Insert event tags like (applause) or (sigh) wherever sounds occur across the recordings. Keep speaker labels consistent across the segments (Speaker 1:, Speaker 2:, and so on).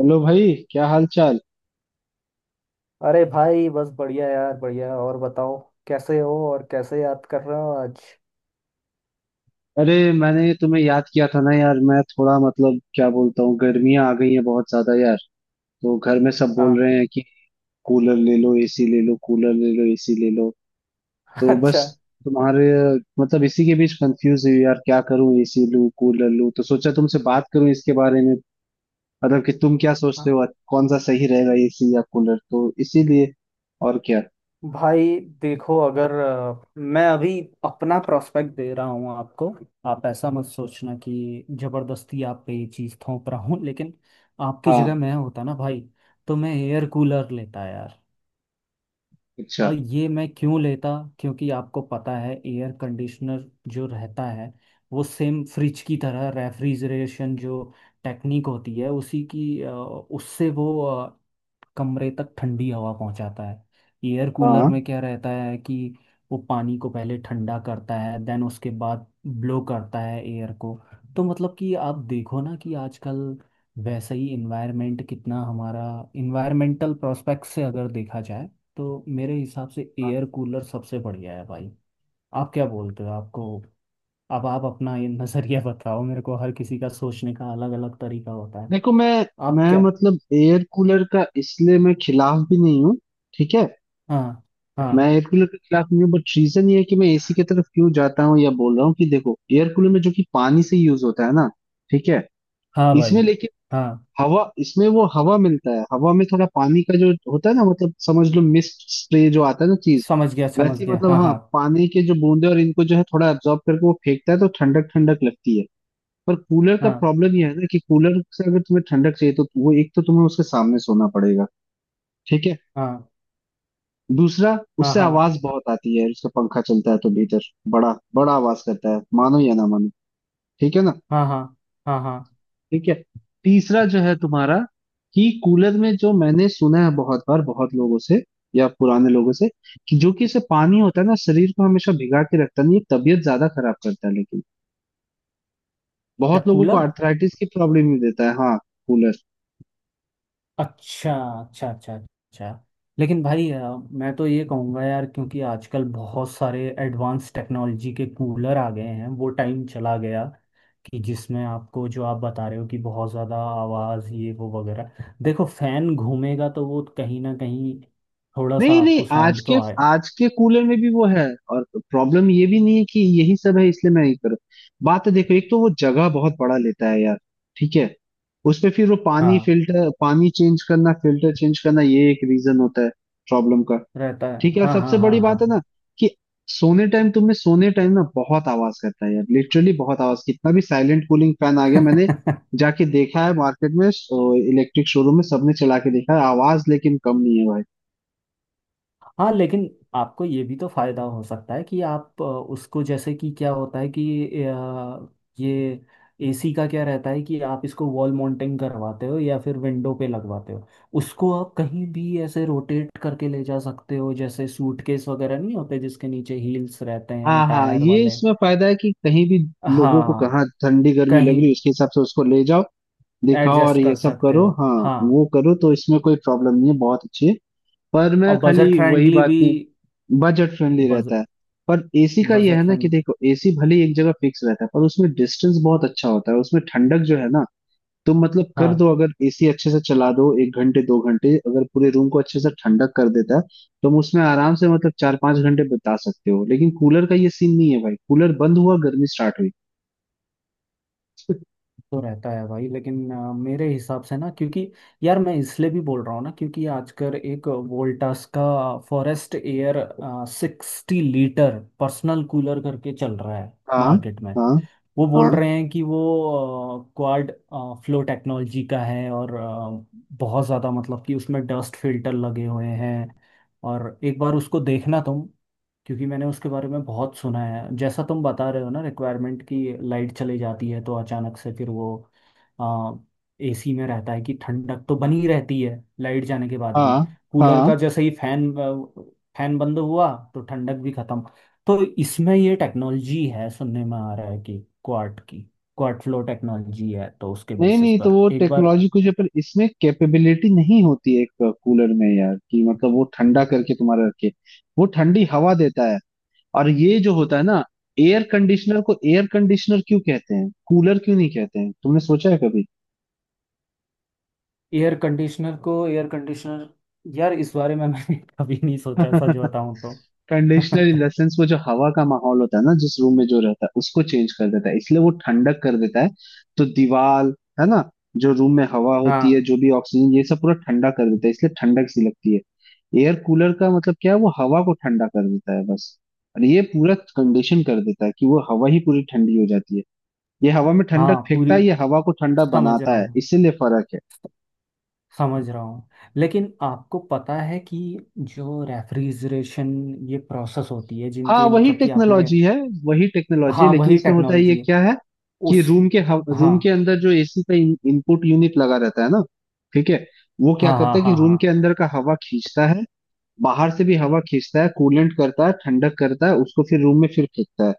Speaker 1: Hello भाई, क्या हाल चाल।
Speaker 2: अरे भाई बस बढ़िया यार बढ़िया और बताओ। कैसे हो और कैसे याद कर रहे हो आज।
Speaker 1: अरे, मैंने तुम्हें याद किया था ना यार। मैं थोड़ा, मतलब क्या बोलता हूँ, गर्मियाँ आ गई हैं बहुत ज्यादा यार। तो घर में सब बोल
Speaker 2: हाँ।
Speaker 1: रहे हैं कि कूलर ले लो, एसी ले लो, कूलर ले लो, एसी ले लो।
Speaker 2: (laughs)
Speaker 1: तो बस,
Speaker 2: अच्छा।
Speaker 1: तुम्हारे। मतलब इसी के बीच कंफ्यूज हुई यार, क्या करूँ, एसी लूँ कूलर लूँ, तो सोचा तुमसे बात करूँ इसके बारे में। मतलब कि तुम क्या सोचते
Speaker 2: हाँ
Speaker 1: हो, कौन सा सही रहेगा, एसी या कूलर, तो इसीलिए। और क्या।
Speaker 2: भाई देखो अगर मैं अभी अपना प्रोस्पेक्ट दे रहा हूँ आपको। आप ऐसा मत सोचना कि जबरदस्ती आप पे ये चीज़ थोप रहा हूँ, लेकिन आपकी
Speaker 1: हाँ।
Speaker 2: जगह मैं होता ना भाई, तो मैं एयर कूलर लेता।
Speaker 1: अच्छा।
Speaker 2: और ये मैं क्यों लेता, क्योंकि आपको पता है एयर कंडीशनर जो रहता है वो सेम फ्रिज की तरह रेफ्रिजरेशन जो टेक्निक होती है उसी की उससे वो कमरे तक ठंडी हवा पहुंचाता है। एयर कूलर
Speaker 1: हाँ,
Speaker 2: में क्या रहता है कि वो पानी को पहले ठंडा करता है, देन उसके बाद ब्लो करता है एयर को। तो मतलब कि आप देखो ना कि आजकल वैसा ही इन्वायरमेंट कितना हमारा इन्वायरमेंटल प्रोस्पेक्ट से अगर देखा जाए तो मेरे हिसाब से एयर कूलर सबसे बढ़िया है भाई। आप क्या बोलते हो आपको, अब आप अपना ये नजरिया (laughs) बताओ मेरे को। हर किसी का सोचने का अलग अलग तरीका होता है।
Speaker 1: देखो मैं
Speaker 2: आप
Speaker 1: मैं
Speaker 2: क्या।
Speaker 1: मतलब एयर कूलर का, इसलिए मैं खिलाफ भी नहीं हूँ। ठीक है।
Speaker 2: हाँ
Speaker 1: मैं
Speaker 2: हाँ
Speaker 1: एयर कूलर के खिलाफ नहीं हूँ, बट रीजन ये है कि मैं एसी की तरफ क्यों जाता हूँ या बोल रहा हूँ कि देखो, एयर कूलर में जो कि पानी से यूज होता है ना। ठीक है।
Speaker 2: हाँ
Speaker 1: इसमें
Speaker 2: भाई,
Speaker 1: लेकिन।
Speaker 2: हाँ।
Speaker 1: हवा, इसमें वो हवा मिलता है। हवा में थोड़ा पानी का जो होता है ना, मतलब समझ लो मिस्ट स्प्रे जो आता है ना, चीज।
Speaker 2: समझ गया समझ
Speaker 1: वैसे ही,
Speaker 2: गया,
Speaker 1: मतलब
Speaker 2: हाँ
Speaker 1: हाँ,
Speaker 2: हाँ
Speaker 1: पानी के जो बूंदे, और इनको जो है थोड़ा एब्जॉर्ब करके वो फेंकता है, तो ठंडक ठंडक लगती है। पर कूलर का प्रॉब्लम ये है ना, कि कूलर से अगर तुम्हें ठंडक चाहिए तो वो, एक तो तुम्हें उसके सामने सोना पड़ेगा। ठीक है।
Speaker 2: हाँ
Speaker 1: दूसरा,
Speaker 2: हाँ
Speaker 1: उससे
Speaker 2: हाँ हाँ
Speaker 1: आवाज बहुत आती है, उसका पंखा चलता है तो भीतर बड़ा बड़ा आवाज करता है, मानो या ना मानो। ठीक है ना।
Speaker 2: हाँ हाँ हाँ हाँ।
Speaker 1: ठीक है। तीसरा जो है तुम्हारा, कि कूलर में जो मैंने सुना है बहुत बार बहुत लोगों से, या पुराने लोगों से, कि जो कि इसे पानी होता है ना, शरीर को हमेशा भिगा के रखता है, नहीं ये तबीयत ज्यादा खराब करता है। लेकिन
Speaker 2: क्या
Speaker 1: बहुत लोगों को
Speaker 2: कूलर।
Speaker 1: आर्थराइटिस की प्रॉब्लम भी देता है। हाँ। कूलर।
Speaker 2: अच्छा अच्छा अच्छा अच्छा। लेकिन भाई मैं तो ये कहूँगा यार, क्योंकि आजकल बहुत सारे एडवांस टेक्नोलॉजी के कूलर आ गए हैं, वो टाइम चला गया कि जिसमें आपको जो आप बता रहे हो कि बहुत ज़्यादा आवाज़ ये वो वगैरह। देखो फैन घूमेगा तो वो कहीं ना कहीं थोड़ा सा
Speaker 1: नहीं नहीं,
Speaker 2: आपको
Speaker 1: आज
Speaker 2: साउंड
Speaker 1: के
Speaker 2: तो आए।
Speaker 1: आज के कूलर में भी वो है। और प्रॉब्लम ये भी नहीं है कि यही सब है इसलिए मैं नहीं कर रहा। बात तो देखो, एक तो वो जगह बहुत बड़ा लेता है यार। ठीक है। उस पे फिर वो पानी,
Speaker 2: हाँ
Speaker 1: फिल्टर, पानी चेंज करना, फिल्टर चेंज करना, ये एक रीजन होता है प्रॉब्लम का।
Speaker 2: रहता है
Speaker 1: ठीक है। और
Speaker 2: हाँ
Speaker 1: सबसे
Speaker 2: हाँ हाँ
Speaker 1: बड़ी बात है
Speaker 2: हाँ।
Speaker 1: ना, कि सोने टाइम, तुम्हें सोने टाइम ना बहुत आवाज करता है यार, लिटरली बहुत आवाज। कितना भी साइलेंट कूलिंग फैन आ गया, मैंने
Speaker 2: (laughs)
Speaker 1: जाके देखा है मार्केट में, इलेक्ट्रिक शोरूम में, सबने चला के देखा है, आवाज लेकिन कम नहीं है भाई।
Speaker 2: हाँ लेकिन आपको ये भी तो फायदा हो सकता है कि आप उसको जैसे कि क्या होता है कि ये एसी का क्या रहता है कि आप इसको वॉल माउंटिंग करवाते हो या फिर विंडो पे लगवाते हो, उसको आप कहीं भी ऐसे रोटेट करके ले जा सकते हो, जैसे सूटकेस वगैरह नहीं होते जिसके नीचे हील्स रहते हैं
Speaker 1: हाँ हाँ,
Speaker 2: टायर
Speaker 1: ये
Speaker 2: वाले।
Speaker 1: इसमें फायदा है कि कहीं भी, लोगों को
Speaker 2: हाँ
Speaker 1: कहाँ ठंडी गर्मी लग
Speaker 2: कहीं
Speaker 1: रही है उसके हिसाब से उसको ले जाओ, दिखाओ और
Speaker 2: एडजस्ट
Speaker 1: ये
Speaker 2: कर
Speaker 1: सब
Speaker 2: सकते
Speaker 1: करो,
Speaker 2: हो,
Speaker 1: हाँ,
Speaker 2: हाँ
Speaker 1: वो करो, तो इसमें कोई प्रॉब्लम नहीं है, बहुत अच्छी है। पर मैं
Speaker 2: और
Speaker 1: खाली
Speaker 2: बजट
Speaker 1: वही
Speaker 2: फ्रेंडली
Speaker 1: बात
Speaker 2: भी।
Speaker 1: नहीं। बजट फ्रेंडली रहता
Speaker 2: बजट,
Speaker 1: है। पर एसी का ये
Speaker 2: बजट
Speaker 1: है ना कि
Speaker 2: फ्रेंड,
Speaker 1: देखो, एसी भले ही एक जगह फिक्स रहता है, पर उसमें डिस्टेंस बहुत अच्छा होता है, उसमें ठंडक जो है ना, तो मतलब कर दो,
Speaker 2: हाँ।
Speaker 1: अगर एसी अच्छे से चला दो 1 घंटे 2 घंटे, अगर पूरे रूम को अच्छे से ठंडक कर देता है, तो हम उसमें आराम से मतलब 4-5 घंटे बिता सकते हो। लेकिन कूलर का ये सीन नहीं है भाई, कूलर बंद हुआ, गर्मी स्टार्ट हुई।
Speaker 2: तो रहता है भाई, लेकिन मेरे हिसाब से ना, क्योंकि यार मैं इसलिए भी बोल रहा हूँ ना क्योंकि आजकल एक वोल्टास का forest air 60 litre personal cooler करके चल रहा है
Speaker 1: हाँ
Speaker 2: मार्केट में।
Speaker 1: हाँ
Speaker 2: वो
Speaker 1: हाँ
Speaker 2: बोल रहे हैं कि वो क्वाड फ्लो टेक्नोलॉजी का है, और बहुत ज़्यादा मतलब कि उसमें डस्ट फिल्टर लगे हुए हैं, और एक बार उसको देखना तुम। क्योंकि मैंने उसके बारे में बहुत सुना है, जैसा तुम बता रहे हो ना, रिक्वायरमेंट की लाइट चली जाती है तो अचानक से फिर वो एसी में रहता है कि ठंडक तो बनी रहती है लाइट जाने के बाद भी।
Speaker 1: हाँ
Speaker 2: कूलर
Speaker 1: हाँ।
Speaker 2: का जैसे ही फैन फैन बंद हुआ तो ठंडक भी खत्म। तो इसमें ये टेक्नोलॉजी है, सुनने में आ रहा है कि क्वार्ट की क्वार्ट फ्लो टेक्नोलॉजी है, तो उसके
Speaker 1: नहीं
Speaker 2: बेसिस
Speaker 1: नहीं, तो
Speaker 2: पर
Speaker 1: वो
Speaker 2: एक बार।
Speaker 1: टेक्नोलॉजी कुछ है, पर इसमें कैपेबिलिटी नहीं होती है एक कूलर में यार, कि मतलब वो ठंडा करके तुम्हारा रखे, वो ठंडी हवा देता है। और ये जो होता है ना, एयर कंडीशनर को एयर कंडीशनर क्यों कहते हैं, कूलर क्यों नहीं कहते हैं, तुमने सोचा है कभी।
Speaker 2: एयर कंडीशनर को एयर कंडीशनर, यार इस बारे में मैंने (laughs) कभी नहीं सोचा, सच
Speaker 1: (laughs)
Speaker 2: बताऊं तो।
Speaker 1: कंडीशनर
Speaker 2: (laughs)
Speaker 1: इन द सेंस, वो जो हवा का माहौल होता है ना, जिस रूम में जो रहता है, उसको चेंज कर देता है, इसलिए वो ठंडक कर देता है। तो दीवार, है ना, जो रूम में हवा होती
Speaker 2: हाँ
Speaker 1: है, जो भी ऑक्सीजन, ये सब पूरा ठंडा कर देता है, इसलिए ठंडक सी लगती है। एयर कूलर का मतलब क्या है, वो हवा को ठंडा कर देता है बस। और ये पूरा कंडीशन कर देता है कि वो हवा ही पूरी ठंडी हो जाती है। ये हवा में ठंडक
Speaker 2: हाँ
Speaker 1: फेंकता
Speaker 2: पूरी,
Speaker 1: है, ये हवा को ठंडा
Speaker 2: समझ रहा
Speaker 1: बनाता है,
Speaker 2: हूँ
Speaker 1: इसीलिए फर्क है।
Speaker 2: समझ रहा हूँ, लेकिन आपको पता है कि जो रेफ्रिजरेशन ये प्रोसेस होती है
Speaker 1: हाँ,
Speaker 2: जिनके
Speaker 1: वही
Speaker 2: मतलब कि आपने।
Speaker 1: टेक्नोलॉजी है। वही टेक्नोलॉजी है,
Speaker 2: हाँ
Speaker 1: लेकिन
Speaker 2: वही
Speaker 1: इसमें होता है ये
Speaker 2: टेक्नोलॉजी है।
Speaker 1: क्या है, कि
Speaker 2: उस
Speaker 1: रूम के
Speaker 2: हाँ
Speaker 1: अंदर जो एसी का इनपुट यूनिट लगा रहता है ना। ठीक है। वो क्या
Speaker 2: हाँ हाँ
Speaker 1: करता है कि
Speaker 2: हाँ
Speaker 1: रूम के
Speaker 2: हाँ
Speaker 1: अंदर का हवा खींचता है, बाहर से भी हवा खींचता है, कूलेंट करता है, ठंडक करता है, उसको फिर रूम में फिर फेंकता है।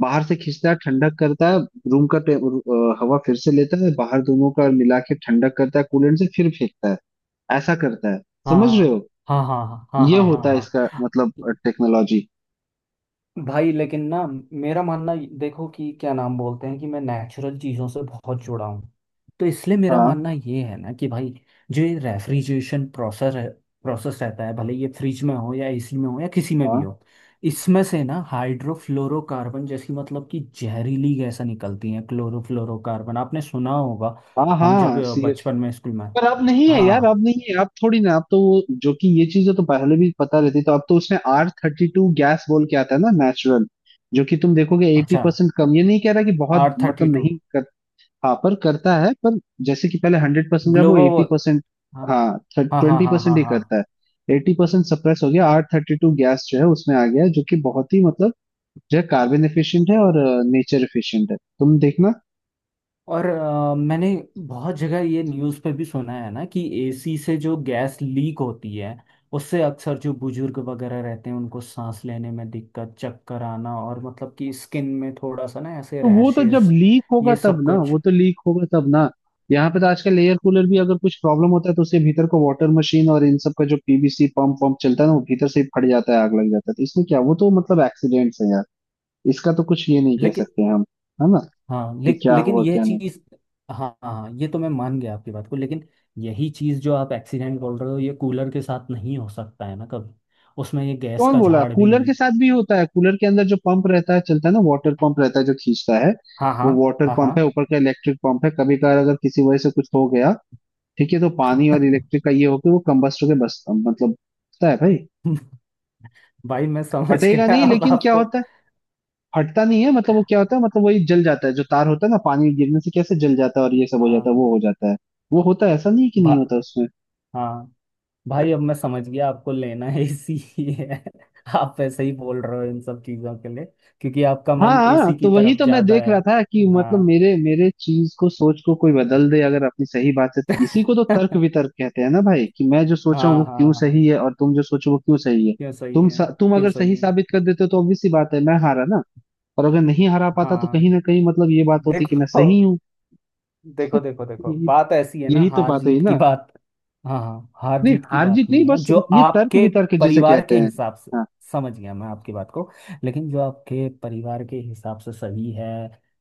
Speaker 1: बाहर से खींचता है, ठंडक करता है, रूम का हवा फिर से लेता है, बाहर दोनों का मिला के ठंडक करता है, कूलेंट से फिर फेंकता है। ऐसा करता है। समझ रहे
Speaker 2: हाँ
Speaker 1: हो।
Speaker 2: हाँ हाँ हाँ हाँ
Speaker 1: ये
Speaker 2: हाँ हाँ
Speaker 1: होता है
Speaker 2: हाँ।
Speaker 1: इसका
Speaker 2: हाँ।
Speaker 1: मतलब, टेक्नोलॉजी।
Speaker 2: भाई लेकिन ना मेरा मानना देखो, कि क्या नाम बोलते हैं कि मैं नेचुरल चीज़ों से बहुत जुड़ा हूँ। तो इसलिए मेरा
Speaker 1: हाँ
Speaker 2: मानना ये है ना कि भाई जो ये रेफ्रिजरेशन प्रोसेस है प्रोसेस रहता है, भले ये फ्रिज में हो या एसी में हो या किसी में भी
Speaker 1: हाँ
Speaker 2: हो। इसमें से ना हाइड्रोफ्लोरोकार्बन जैसी मतलब कि जहरीली गैसें निकलती हैं, क्लोरोफ्लोरोकार्बन आपने सुना होगा।
Speaker 1: हाँ
Speaker 2: हम जब
Speaker 1: हाँ, सीरियसली।
Speaker 2: बचपन में स्कूल में।
Speaker 1: पर अब नहीं है यार,
Speaker 2: हाँ
Speaker 1: अब नहीं है। अब थोड़ी ना, अब तो वो जो कि ये चीजें तो पहले भी पता रहती, तो अब तो उसमें R32 गैस बोल के आता है ना, नेचुरल, जो कि तुम देखोगे एटी
Speaker 2: अच्छा
Speaker 1: परसेंट कम, ये नहीं कह रहा कि बहुत,
Speaker 2: आर थर्टी
Speaker 1: मतलब नहीं कर। हाँ, पर करता है पर। जैसे कि पहले 100% था,
Speaker 2: टू
Speaker 1: वो 80%। हाँ,
Speaker 2: हाँ हाँ हाँ
Speaker 1: ट्वेंटी
Speaker 2: हाँ
Speaker 1: परसेंट
Speaker 2: हाँ
Speaker 1: ही
Speaker 2: हाँ।
Speaker 1: करता है, 80% सप्रेस हो गया। R32 गैस जो है उसमें आ गया है, जो कि बहुत ही, मतलब जो है कार्बन एफिशिएंट है, और नेचर एफिशिएंट है, तुम देखना।
Speaker 2: और मैंने बहुत जगह ये न्यूज़ पे भी सुना है ना कि एसी से जो गैस लीक होती है उससे अक्सर जो बुजुर्ग वगैरह रहते हैं उनको सांस लेने में दिक्कत, चक्कर आना, और मतलब कि स्किन में थोड़ा सा ना ऐसे
Speaker 1: तो वो तो जब
Speaker 2: रैशेस
Speaker 1: लीक होगा
Speaker 2: ये
Speaker 1: तब
Speaker 2: सब
Speaker 1: ना,
Speaker 2: कुछ,
Speaker 1: वो तो लीक होगा तब ना। यहाँ पे तो आजकल एयर कूलर भी अगर कुछ प्रॉब्लम होता है, तो उसके भीतर को वाटर मशीन और इन सब का जो PVC पंप पंप चलता है ना, वो भीतर से ही फट जाता है, आग लग जाता है। तो इसमें क्या, वो तो मतलब एक्सीडेंट्स है यार। इसका तो कुछ ये नहीं कह
Speaker 2: लेकिन।
Speaker 1: सकते हम, है ना,
Speaker 2: हाँ
Speaker 1: कि
Speaker 2: ले,
Speaker 1: क्या
Speaker 2: लेकिन
Speaker 1: हुआ
Speaker 2: यह
Speaker 1: क्या नहीं।
Speaker 2: चीज़। हाँ हाँ, ये तो मैं मान गया आपकी बात को, लेकिन यही चीज़ जो आप एक्सीडेंट बोल रहे हो ये कूलर के साथ नहीं हो सकता है ना कभी। उसमें ये गैस
Speaker 1: कौन
Speaker 2: का
Speaker 1: बोला,
Speaker 2: झाड़ भी
Speaker 1: कूलर
Speaker 2: नहीं।
Speaker 1: के साथ भी होता है। कूलर के अंदर जो पंप रहता है, चलता है ना, वाटर पंप रहता है जो खींचता है।
Speaker 2: हाँ हाँ
Speaker 1: वो वाटर
Speaker 2: हाँ हाँ।
Speaker 1: पंप है ऊपर का, इलेक्ट्रिक पंप है, कभी कभार अगर किसी वजह से कुछ हो गया, ठीक है, तो पानी और
Speaker 2: (laughs)
Speaker 1: इलेक्ट्रिक का ये होके, वो कंबस्ट होके, बस मतलब होता है भाई।
Speaker 2: (laughs) भाई मैं समझ
Speaker 1: फटेगा
Speaker 2: गया
Speaker 1: नहीं,
Speaker 2: अब
Speaker 1: लेकिन क्या
Speaker 2: आपको।
Speaker 1: होता है, फटता नहीं है मतलब। वो क्या होता है, मतलब वही जल जाता है जो तार होता है ना, पानी गिरने से कैसे जल जाता है और ये सब हो जाता है,
Speaker 2: हाँ
Speaker 1: वो हो जाता है। वो होता है, ऐसा नहीं कि
Speaker 2: भा,
Speaker 1: नहीं होता उसमें।
Speaker 2: हाँ भाई, अब मैं समझ गया आपको लेना है एसी ही है। (laughs) आप वैसे ही बोल रहे हो इन सब चीजों के लिए, क्योंकि आपका
Speaker 1: हाँ
Speaker 2: मन
Speaker 1: हाँ,
Speaker 2: एसी की
Speaker 1: तो वही
Speaker 2: तरफ
Speaker 1: तो मैं
Speaker 2: ज्यादा
Speaker 1: देख
Speaker 2: है।
Speaker 1: रहा था, कि मतलब
Speaker 2: हाँ
Speaker 1: मेरे मेरे चीज को, सोच को कोई बदल दे अगर अपनी सही बात से, इसी को तो तर्क
Speaker 2: (laughs)
Speaker 1: वितर्क कहते हैं ना भाई, कि मैं जो सोचा हूँ वो
Speaker 2: हाँ हाँ
Speaker 1: क्यों
Speaker 2: हाँ,
Speaker 1: सही है, और तुम जो सोचो वो क्यों सही है।
Speaker 2: क्यों सही है।
Speaker 1: तुम
Speaker 2: क्यों
Speaker 1: अगर
Speaker 2: सही
Speaker 1: सही
Speaker 2: है।
Speaker 1: साबित कर देते हो, तो ऑब्वियस सी बात है, मैं हारा ना। और अगर नहीं हरा पाता, तो
Speaker 2: हाँ।
Speaker 1: कहीं ना कहीं मतलब ये बात होती कि मैं
Speaker 2: देखो
Speaker 1: सही हूँ।
Speaker 2: देखो देखो देखो,
Speaker 1: यही
Speaker 2: बात ऐसी है ना,
Speaker 1: यही तो
Speaker 2: हार
Speaker 1: बात हुई
Speaker 2: जीत की
Speaker 1: ना।
Speaker 2: बात। हाँ हाँ, हार
Speaker 1: नहीं,
Speaker 2: जीत की
Speaker 1: हार
Speaker 2: बात
Speaker 1: जीत नहीं
Speaker 2: नहीं है,
Speaker 1: बस,
Speaker 2: जो
Speaker 1: ये तर्क
Speaker 2: आपके
Speaker 1: वितर्क जिसे
Speaker 2: परिवार
Speaker 1: कहते
Speaker 2: के
Speaker 1: हैं।
Speaker 2: हिसाब से।
Speaker 1: हाँ,
Speaker 2: समझ गया मैं आपकी बात को, लेकिन जो आपके परिवार के हिसाब से सही है।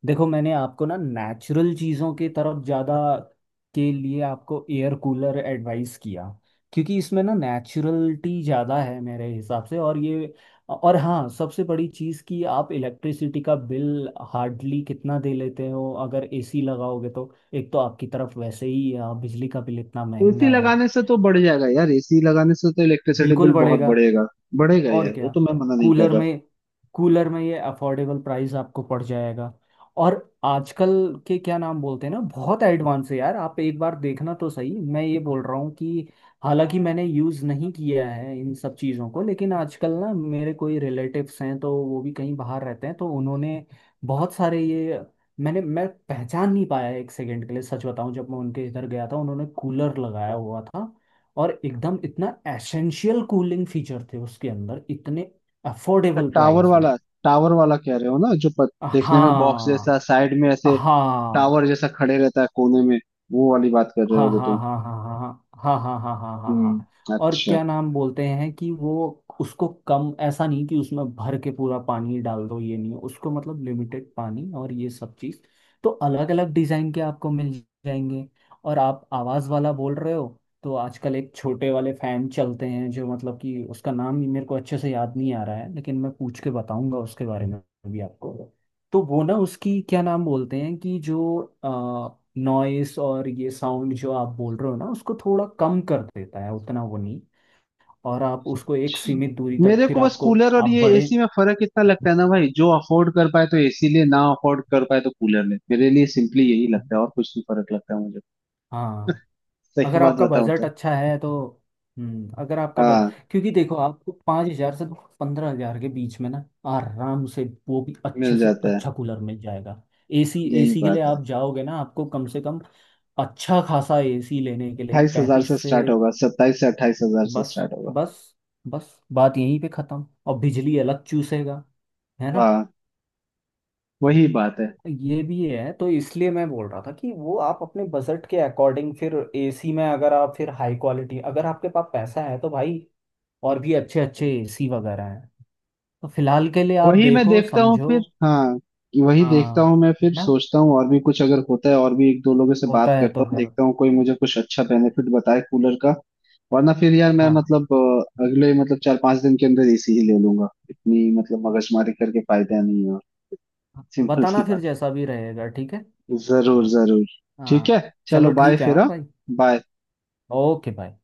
Speaker 2: देखो मैंने आपको ना नेचुरल चीज़ों की तरफ ज़्यादा के लिए आपको एयर कूलर एडवाइस किया, क्योंकि इसमें ना नेचुरलिटी ज़्यादा है मेरे हिसाब से। और ये, और हाँ सबसे बड़ी चीज़ कि आप इलेक्ट्रिसिटी का बिल हार्डली कितना दे लेते हो, अगर एसी लगाओगे तो एक तो आपकी तरफ वैसे ही बिजली का बिल इतना
Speaker 1: तो एसी
Speaker 2: महंगा है।
Speaker 1: लगाने से तो बढ़ जाएगा यार, एसी लगाने से तो इलेक्ट्रिसिटी
Speaker 2: बिल्कुल
Speaker 1: बिल बहुत
Speaker 2: बढ़ेगा।
Speaker 1: बढ़ेगा। बढ़ेगा
Speaker 2: और
Speaker 1: यार, वो
Speaker 2: क्या।
Speaker 1: तो मैं मना नहीं कर
Speaker 2: कूलर
Speaker 1: रहा।
Speaker 2: में, कूलर में ये अफोर्डेबल प्राइस आपको पड़ जाएगा। और आजकल के क्या नाम बोलते हैं ना, बहुत एडवांस है यार, आप एक बार देखना तो सही, मैं ये बोल रहा हूँ कि हालांकि मैंने यूज़ नहीं किया है इन सब चीज़ों को, लेकिन आजकल ना मेरे कोई रिलेटिव्स हैं तो वो भी कहीं बाहर रहते हैं तो उन्होंने बहुत सारे ये। मैं पहचान नहीं पाया एक सेकंड के लिए, सच बताऊं जब मैं उनके इधर गया था उन्होंने कूलर लगाया हुआ था, और एकदम इतना एसेंशियल कूलिंग फीचर थे उसके अंदर, इतने
Speaker 1: तो
Speaker 2: अफोर्डेबल
Speaker 1: टावर
Speaker 2: प्राइस में।
Speaker 1: वाला, टावर वाला कह रहे हो ना, जो देखने में बॉक्स
Speaker 2: हाँ
Speaker 1: जैसा, साइड में ऐसे
Speaker 2: हाँ
Speaker 1: टावर जैसा खड़े रहता है कोने में, वो वाली बात कर रहे
Speaker 2: हाँ
Speaker 1: होगे
Speaker 2: हाँ
Speaker 1: तुम।
Speaker 2: हाँ हाँ हाँ हाँ हाँ हाँ हाँ हाँ हाँ
Speaker 1: हम्म,
Speaker 2: हाँ। और
Speaker 1: अच्छा।
Speaker 2: क्या नाम बोलते हैं कि वो उसको कम, ऐसा नहीं कि उसमें भर के पूरा पानी डाल दो, ये नहीं, उसको मतलब लिमिटेड पानी और ये सब चीज़। तो अलग अलग डिज़ाइन के आपको मिल जाएंगे। और आप आवाज़ वाला बोल रहे हो, तो आजकल एक छोटे वाले फ़ैन चलते हैं जो मतलब कि उसका नाम ही मेरे को अच्छे से याद नहीं आ रहा है, लेकिन मैं पूछ के बताऊंगा उसके बारे में भी आपको। तो वो ना उसकी क्या नाम बोलते हैं कि जो नॉइस और ये साउंड जो आप बोल रहे हो ना उसको थोड़ा कम कर देता है, उतना वो नहीं। और आप उसको एक
Speaker 1: अच्छा।
Speaker 2: सीमित दूरी तक
Speaker 1: मेरे
Speaker 2: फिर
Speaker 1: को बस
Speaker 2: आपको।
Speaker 1: कूलर और
Speaker 2: आप
Speaker 1: ये
Speaker 2: बड़े।
Speaker 1: एसी में फर्क इतना लगता है ना भाई, जो अफोर्ड कर पाए तो एसी ले, ना अफोर्ड कर पाए तो कूलर ले। मेरे लिए सिंपली यही लगता है, और कुछ नहीं फर्क लगता है मुझे,
Speaker 2: हाँ
Speaker 1: सही
Speaker 2: अगर
Speaker 1: बात
Speaker 2: आपका
Speaker 1: बताऊं
Speaker 2: बजट
Speaker 1: तो।
Speaker 2: अच्छा है तो। अगर आपका बज।
Speaker 1: हाँ,
Speaker 2: क्योंकि देखो, आपको 5,000 से 15,000 के बीच में ना आराम से वो भी अच्छे
Speaker 1: मिल
Speaker 2: से
Speaker 1: जाता है।
Speaker 2: अच्छा कूलर मिल जाएगा। एसी
Speaker 1: यही
Speaker 2: एसी के लिए
Speaker 1: बात है।
Speaker 2: आप जाओगे ना, आपको कम से कम अच्छा खासा एसी लेने के लिए
Speaker 1: 28 हजार
Speaker 2: 35
Speaker 1: से
Speaker 2: से।
Speaker 1: स्टार्ट होगा, 27 से 28 हजार से
Speaker 2: बस।
Speaker 1: स्टार्ट होगा।
Speaker 2: बस। बस बात यहीं पे खत्म, और बिजली अलग चूसेगा, है ना।
Speaker 1: हाँ, वही बात है।
Speaker 2: ये भी है, तो इसलिए मैं बोल रहा था कि वो आप अपने बजट के अकॉर्डिंग फिर एसी में अगर आप फिर हाई क्वालिटी, अगर आपके पास पैसा है तो भाई और भी अच्छे अच्छे एसी वगैरह हैं। तो फिलहाल के लिए आप
Speaker 1: वही मैं
Speaker 2: देखो
Speaker 1: देखता हूँ
Speaker 2: समझो।
Speaker 1: फिर, हाँ। वही
Speaker 2: हाँ।
Speaker 1: देखता हूँ मैं
Speaker 2: है
Speaker 1: फिर,
Speaker 2: ना।
Speaker 1: सोचता हूँ। और भी कुछ अगर होता है, और भी एक दो लोगों से बात
Speaker 2: होता है
Speaker 1: करता
Speaker 2: तो
Speaker 1: हूँ,
Speaker 2: फिर।
Speaker 1: देखता हूँ कोई मुझे कुछ अच्छा बेनिफिट बताए कूलर का। वरना फिर यार, मैं
Speaker 2: हाँ।
Speaker 1: मतलब अगले मतलब 4-5 दिन के अंदर एसी ही ले लूंगा। इतनी मतलब मगजमारी करके फायदा नहीं है, सिंपल सी
Speaker 2: बताना फिर
Speaker 1: बात
Speaker 2: जैसा भी रहेगा, ठीक है।
Speaker 1: है। जरूर
Speaker 2: हाँ
Speaker 1: जरूर। ठीक है,
Speaker 2: हाँ।
Speaker 1: चलो
Speaker 2: चलो
Speaker 1: बाय
Speaker 2: ठीक है
Speaker 1: फिर,
Speaker 2: हाँ
Speaker 1: हाँ।
Speaker 2: भाई।
Speaker 1: बाय।
Speaker 2: ओके भाई।